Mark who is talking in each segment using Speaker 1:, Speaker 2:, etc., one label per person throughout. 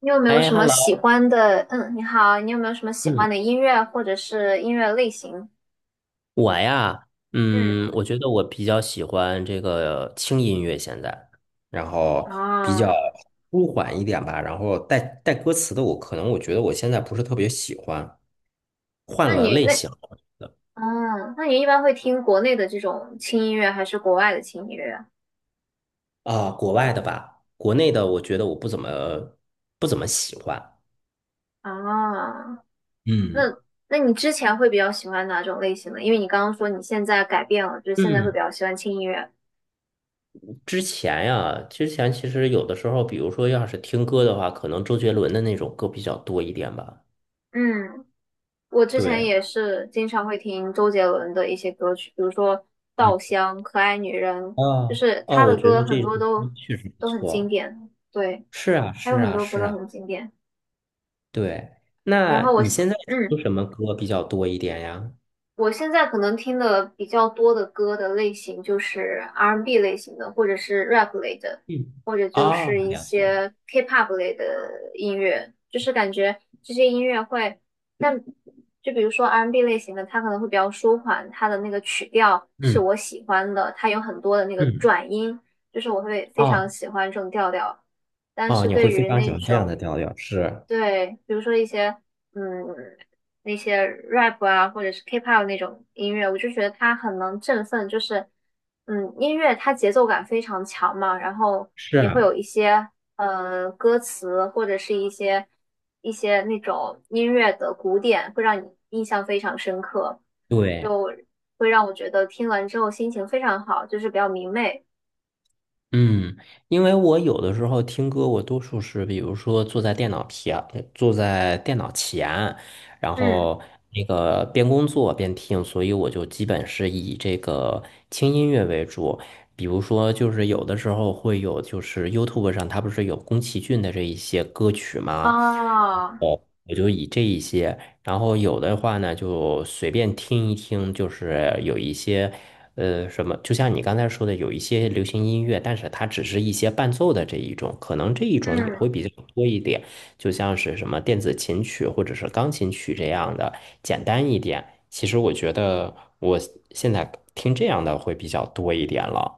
Speaker 1: 你有没有
Speaker 2: 哎
Speaker 1: 什么
Speaker 2: ，hello，
Speaker 1: 喜欢的？嗯，你好，你有没有什么喜欢
Speaker 2: 嗯，
Speaker 1: 的音乐或者是音乐类型？
Speaker 2: 我呀，
Speaker 1: 嗯，
Speaker 2: 我觉得我比较喜欢这个轻音乐，现在，然后比
Speaker 1: 哦，
Speaker 2: 较舒缓一点吧，然后带歌词的我，可能我觉得我现在不是特别喜欢，换
Speaker 1: 那
Speaker 2: 了
Speaker 1: 你
Speaker 2: 类
Speaker 1: 那
Speaker 2: 型
Speaker 1: 哦，那你一般会听国内的这种轻音乐还是国外的轻音乐啊？
Speaker 2: 啊，国外的吧，国内的我觉得我不怎么喜欢，
Speaker 1: 哦，那
Speaker 2: 嗯。
Speaker 1: 那你之前会比较喜欢哪种类型的？因为你刚刚说你现在改变了，就是现在会
Speaker 2: 嗯，
Speaker 1: 比较喜欢轻音乐。
Speaker 2: 之前呀，之前其实有的时候，比如说要是听歌的话，可能周杰伦的那种歌比较多一点吧，
Speaker 1: 嗯我之前
Speaker 2: 对。
Speaker 1: 也是经常会听周杰伦的一些歌曲，比如说
Speaker 2: 嗯。
Speaker 1: 《稻香》《可爱女人》，就
Speaker 2: 啊，
Speaker 1: 是他
Speaker 2: 哦，我
Speaker 1: 的
Speaker 2: 觉
Speaker 1: 歌
Speaker 2: 得
Speaker 1: 很
Speaker 2: 这首
Speaker 1: 多
Speaker 2: 歌
Speaker 1: 都
Speaker 2: 确实不
Speaker 1: 都很经
Speaker 2: 错。
Speaker 1: 典，对，
Speaker 2: 是啊，
Speaker 1: 还有
Speaker 2: 是
Speaker 1: 很
Speaker 2: 啊，
Speaker 1: 多歌
Speaker 2: 是
Speaker 1: 都
Speaker 2: 啊，
Speaker 1: 很经典。
Speaker 2: 对。
Speaker 1: 然后
Speaker 2: 那
Speaker 1: 我，
Speaker 2: 你现在听
Speaker 1: 嗯，
Speaker 2: 什么歌比较多一点呀？
Speaker 1: 我现在可能听的比较多的歌的类型就是 R&B n 类型的，或者是 rap 类的，
Speaker 2: 嗯，
Speaker 1: 或者就
Speaker 2: 啊，
Speaker 1: 是一
Speaker 2: 了解了。
Speaker 1: 些 K-pop 类的音乐，就是感觉这些音乐会，但就比如说 R&B n 类型的，它可能会比较舒缓，它的那个曲调是
Speaker 2: 嗯
Speaker 1: 我喜欢的，它有很多的那个
Speaker 2: 嗯，
Speaker 1: 转音，就是我会非常
Speaker 2: 哦
Speaker 1: 喜欢这种调调。但
Speaker 2: 哦，
Speaker 1: 是
Speaker 2: 你
Speaker 1: 对
Speaker 2: 会非
Speaker 1: 于
Speaker 2: 常喜
Speaker 1: 那
Speaker 2: 欢这样
Speaker 1: 种
Speaker 2: 的调调，是
Speaker 1: 对，比如说一些嗯那些 rap 啊，或者是 K-pop 那种音乐，我就觉得它很能振奋，就是音乐它节奏感非常强嘛，然后
Speaker 2: 是
Speaker 1: 也会
Speaker 2: 啊，
Speaker 1: 有一些歌词或者是一些那种音乐的古典，会让你印象非常深刻，
Speaker 2: 对。
Speaker 1: 就会让我觉得听完之后心情非常好，就是比较明媚。
Speaker 2: 嗯，因为我有的时候听歌，我多数是比如说坐在电脑前，坐在电脑前，然
Speaker 1: 嗯，
Speaker 2: 后那个边工作边听，所以我就基本是以这个轻音乐为主。比如说，就是有的时候会有，就是 YouTube 上它不是有宫崎骏的这一些歌曲吗？
Speaker 1: 啊，
Speaker 2: 哦，我就以这一些。然后有的话呢，就随便听一听，就是有一些，就像你刚才说的，有一些流行音乐，但是它只是一些伴奏的这一种，可能这一种也
Speaker 1: 嗯。
Speaker 2: 会比较多一点，就像是什么电子琴曲或者是钢琴曲这样的，简单一点。其实我觉得我现在听这样的会比较多一点了。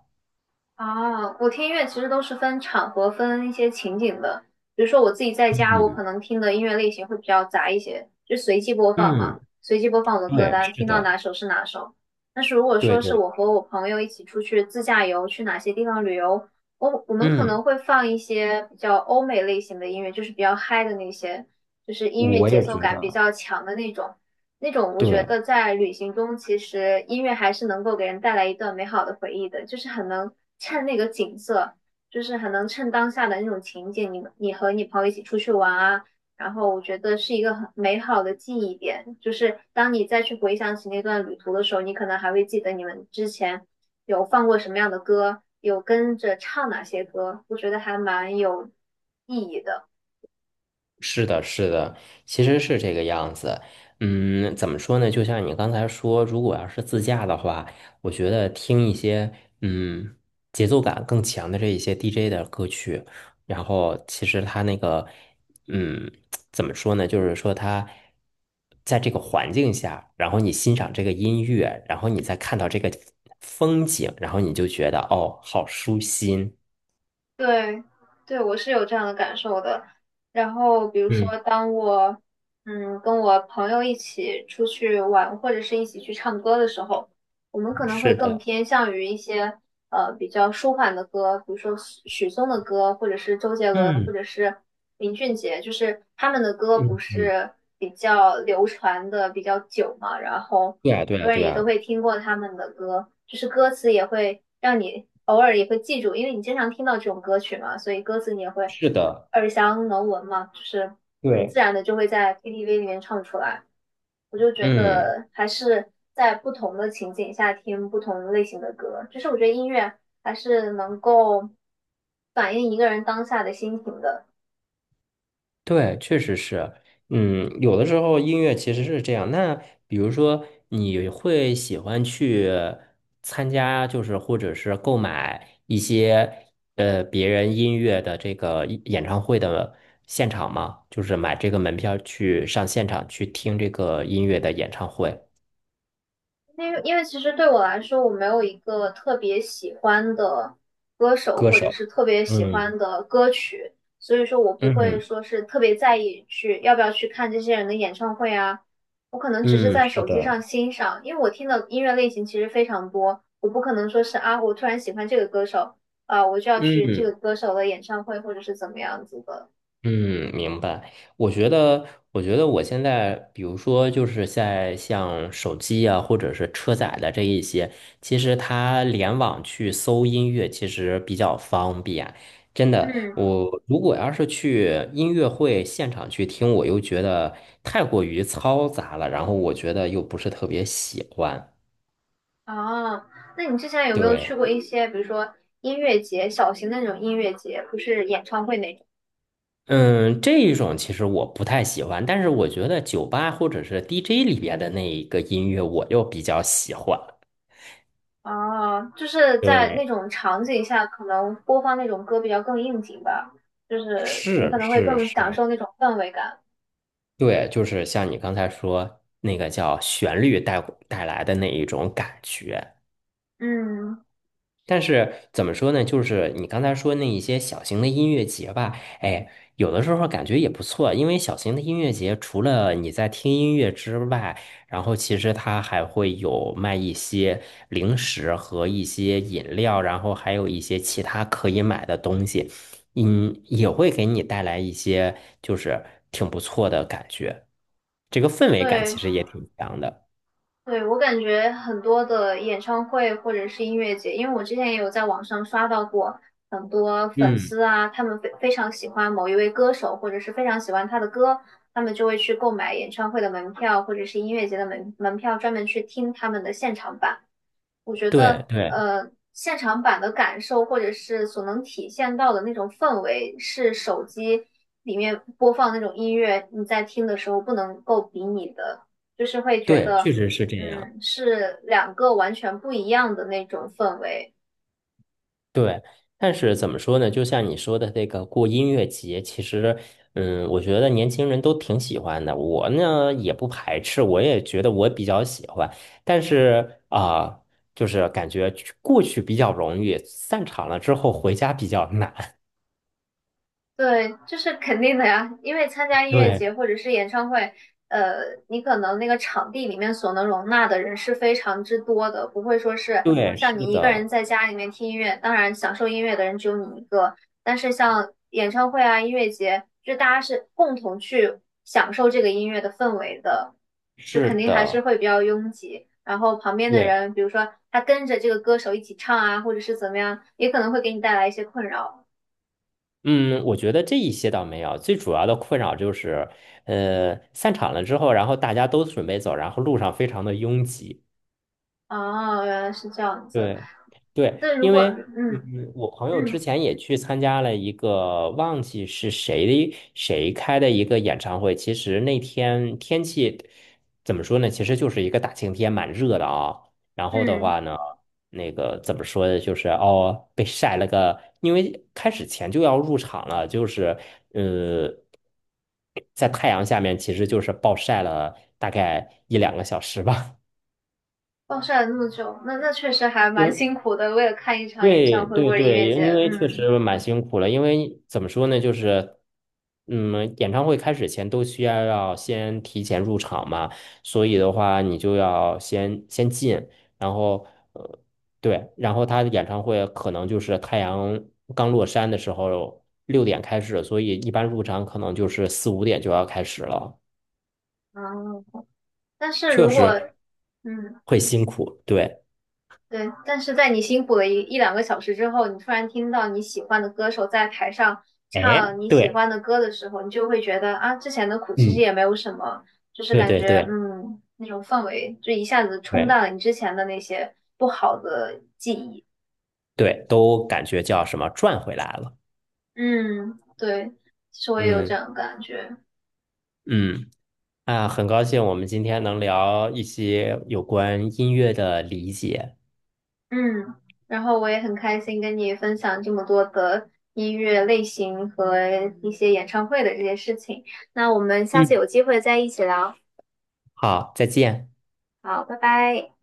Speaker 1: 啊，我听音乐其实都是分场合、分一些情景的。比如说我自己在家，我
Speaker 2: 嗯
Speaker 1: 可能听的音乐类型会比较杂一些，就随机播放嘛，
Speaker 2: 嗯，
Speaker 1: 随机播放我的歌
Speaker 2: 对，
Speaker 1: 单，
Speaker 2: 是
Speaker 1: 听到
Speaker 2: 的，
Speaker 1: 哪首是哪首。但是如果
Speaker 2: 对
Speaker 1: 说是
Speaker 2: 对，
Speaker 1: 我和我朋友一起出去自驾游，去哪些地方旅游，我们可
Speaker 2: 嗯，
Speaker 1: 能会放一些比较欧美类型的音乐，就是比较嗨的那些，就是音乐
Speaker 2: 我
Speaker 1: 节
Speaker 2: 也
Speaker 1: 奏
Speaker 2: 觉
Speaker 1: 感比
Speaker 2: 得，
Speaker 1: 较强的那种。那种我觉
Speaker 2: 对。
Speaker 1: 得在旅行中，其实音乐还是能够给人带来一段美好的回忆的，就是很能衬那个景色，就是很能衬当下的那种情景。你和你朋友一起出去玩啊，然后我觉得是一个很美好的记忆点。就是当你再去回想起那段旅途的时候，你可能还会记得你们之前有放过什么样的歌，有跟着唱哪些歌，我觉得还蛮有意义的。
Speaker 2: 是的，是的，其实是这个样子。嗯，怎么说呢？就像你刚才说，如果要是自驾的话，我觉得听一些嗯节奏感更强的这一些 DJ 的歌曲，然后其实他那个嗯怎么说呢？就是说他在这个环境下，然后你欣赏这个音乐，然后你再看到这个风景，然后你就觉得哦，好舒心。
Speaker 1: 对，对，我是有这样的感受的。然后，比如
Speaker 2: 嗯，
Speaker 1: 说，当我跟我朋友一起出去玩，或者是一起去唱歌的时候，我们可能会
Speaker 2: 是
Speaker 1: 更
Speaker 2: 的，
Speaker 1: 偏向于一些比较舒缓的歌，比如说许许嵩的歌，或者是周杰伦，或
Speaker 2: 嗯
Speaker 1: 者是林俊杰，就是他们的歌不
Speaker 2: 嗯嗯，
Speaker 1: 是比较流传的比较久嘛，然后
Speaker 2: 对啊，
Speaker 1: 很
Speaker 2: 对啊，
Speaker 1: 多人
Speaker 2: 对
Speaker 1: 也都
Speaker 2: 啊。
Speaker 1: 会听过他们的歌，就是歌词也会让你偶尔也会记住，因为你经常听到这种歌曲嘛，所以歌词你也会耳详能闻嘛，就是很自
Speaker 2: 对，
Speaker 1: 然的就会在 KTV 里面唱出来。我就觉
Speaker 2: 嗯，
Speaker 1: 得还是在不同的情景下听不同类型的歌，就是我觉得音乐还是能够反映一个人当下的心情的。
Speaker 2: 对，确实是，嗯，有的时候音乐其实是这样。那比如说，你会喜欢去参加，就是或者是购买一些别人音乐的这个演唱会的现场吗？就是买这个门票去上现场去听这个音乐的演唱会
Speaker 1: 因为其实对我来说，我没有一个特别喜欢的歌手
Speaker 2: 歌
Speaker 1: 或
Speaker 2: 手。
Speaker 1: 者是特别喜
Speaker 2: 嗯
Speaker 1: 欢的歌曲，所以说我不会
Speaker 2: 嗯
Speaker 1: 说是特别在意去要不要去看这些人的演唱会啊。我可能只是
Speaker 2: 嗯，
Speaker 1: 在
Speaker 2: 是
Speaker 1: 手机
Speaker 2: 的，
Speaker 1: 上欣赏，因为我听的音乐类型其实非常多，我不可能说是啊，我突然喜欢这个歌手啊，我就要去这个
Speaker 2: 嗯。
Speaker 1: 歌手的演唱会或者是怎么样子的。
Speaker 2: 嗯，明白。我觉得，我觉得我现在，比如说，就是在像手机啊，或者是车载的这一些，其实它联网去搜音乐，其实比较方便。真的，
Speaker 1: 嗯，
Speaker 2: 我如果要是去音乐会现场去听，我又觉得太过于嘈杂了，然后我觉得又不是特别喜欢。
Speaker 1: 啊，那你之前有没有去
Speaker 2: 对。
Speaker 1: 过一些，比如说音乐节，小型的那种音乐节，不是演唱会那种？
Speaker 2: 嗯，这一种其实我不太喜欢，但是我觉得酒吧或者是 DJ 里边的那一个音乐，我又比较喜欢。
Speaker 1: 啊，就是在
Speaker 2: 对，
Speaker 1: 那种场景下，可能播放那种歌比较更应景吧，就是你可
Speaker 2: 是
Speaker 1: 能会
Speaker 2: 是
Speaker 1: 更享
Speaker 2: 是，
Speaker 1: 受那种氛围感。
Speaker 2: 对，就是像你刚才说那个叫旋律带来的那一种感觉。
Speaker 1: 嗯，
Speaker 2: 但是怎么说呢？就是你刚才说那一些小型的音乐节吧，哎，有的时候感觉也不错，因为小型的音乐节除了你在听音乐之外，然后其实它还会有卖一些零食和一些饮料，然后还有一些其他可以买的东西，嗯，也会给你带来一些就是挺不错的感觉，这个氛围感
Speaker 1: 对，
Speaker 2: 其实也挺强的。
Speaker 1: 对，我感觉很多的演唱会或者是音乐节，因为我之前也有在网上刷到过很多粉
Speaker 2: 嗯，
Speaker 1: 丝啊，他们非常喜欢某一位歌手，或者是非常喜欢他的歌，他们就会去购买演唱会的门票或者是音乐节的门票，专门去听他们的现场版。我觉
Speaker 2: 对
Speaker 1: 得，
Speaker 2: 对
Speaker 1: 现场版的感受或者是所能体现到的那种氛围，是手机里面播放那种音乐，你在听的时候不能够比拟的，就是会觉
Speaker 2: 对，确
Speaker 1: 得，
Speaker 2: 实是这样。
Speaker 1: 嗯，是两个完全不一样的那种氛围。
Speaker 2: 对，但是怎么说呢？就像你说的这个过音乐节，其实，嗯，我觉得年轻人都挺喜欢的。我呢也不排斥，我也觉得我比较喜欢。但是啊、就是感觉去过去比较容易，散场了之后回家比较难。
Speaker 1: 对，这是肯定的呀，因为参加音乐
Speaker 2: 对，
Speaker 1: 节或者是演唱会，呃，你可能那个场地里面所能容纳的人是非常之多的，不会说是
Speaker 2: 对，
Speaker 1: 像
Speaker 2: 是
Speaker 1: 你一个人
Speaker 2: 的，
Speaker 1: 在家里面听音乐，当然享受音乐的人只有你一个，但是像演唱会啊、音乐节，就大家是共同去享受这个音乐的氛围的，就
Speaker 2: 是
Speaker 1: 肯定还是
Speaker 2: 的，
Speaker 1: 会比较拥挤，然后旁边的
Speaker 2: 对。
Speaker 1: 人，比如说他跟着这个歌手一起唱啊，或者是怎么样，也可能会给你带来一些困扰。
Speaker 2: 嗯，我觉得这一些倒没有，最主要的困扰就是，散场了之后，然后大家都准备走，然后路上非常的拥挤。
Speaker 1: 哦，原来是这样子。
Speaker 2: 对，对，
Speaker 1: 那如
Speaker 2: 因
Speaker 1: 果
Speaker 2: 为
Speaker 1: 嗯
Speaker 2: 嗯，我朋友之
Speaker 1: 嗯
Speaker 2: 前也去参加了一个忘记是谁的谁开的一个演唱会。其实那天天气怎么说呢？其实就是一个大晴天，蛮热的啊。然后的
Speaker 1: 嗯
Speaker 2: 话呢，那个怎么说呢？就是哦，被晒了个，因为开始前就要入场了，就是呃，在太阳下面，其实就是暴晒了大概1、2个小时吧。
Speaker 1: 暴晒了那么久，那确实还 蛮
Speaker 2: 因
Speaker 1: 辛苦的，为了看一场演
Speaker 2: 对
Speaker 1: 唱会或
Speaker 2: 对
Speaker 1: 者音
Speaker 2: 对，
Speaker 1: 乐节，
Speaker 2: 因为确实蛮辛苦了。因为怎么说呢，就是，嗯，演唱会开始前都需要要先提前入场嘛，所以的话，你就要先进，然后呃，对，然后他的演唱会可能就是太阳刚落山的时候6点开始，所以一般入场可能就是4、5点就要开始了，
Speaker 1: 啊。但是
Speaker 2: 确
Speaker 1: 如果
Speaker 2: 实
Speaker 1: 嗯
Speaker 2: 会辛苦。对，
Speaker 1: 对，但是在你辛苦了一两个小时之后，你突然听到你喜欢的歌手在台上
Speaker 2: 哎，
Speaker 1: 唱你喜
Speaker 2: 对，
Speaker 1: 欢的歌的时候，你就会觉得啊，之前的苦其实
Speaker 2: 嗯，
Speaker 1: 也没有什么，就是
Speaker 2: 对
Speaker 1: 感
Speaker 2: 对
Speaker 1: 觉
Speaker 2: 对
Speaker 1: 那种氛围就一下子冲
Speaker 2: 对。
Speaker 1: 淡了你之前的那些不好的记忆。
Speaker 2: 对，都感觉叫什么赚回来了。
Speaker 1: 嗯，对，其实我也有这
Speaker 2: 嗯
Speaker 1: 样的感觉。
Speaker 2: 嗯，啊，很高兴我们今天能聊一些有关音乐的理解。
Speaker 1: 嗯，然后我也很开心跟你分享这么多的音乐类型和一些演唱会的这些事情。那我们下次
Speaker 2: 嗯，
Speaker 1: 有机会再一起聊。
Speaker 2: 好，再见。
Speaker 1: 好，拜拜。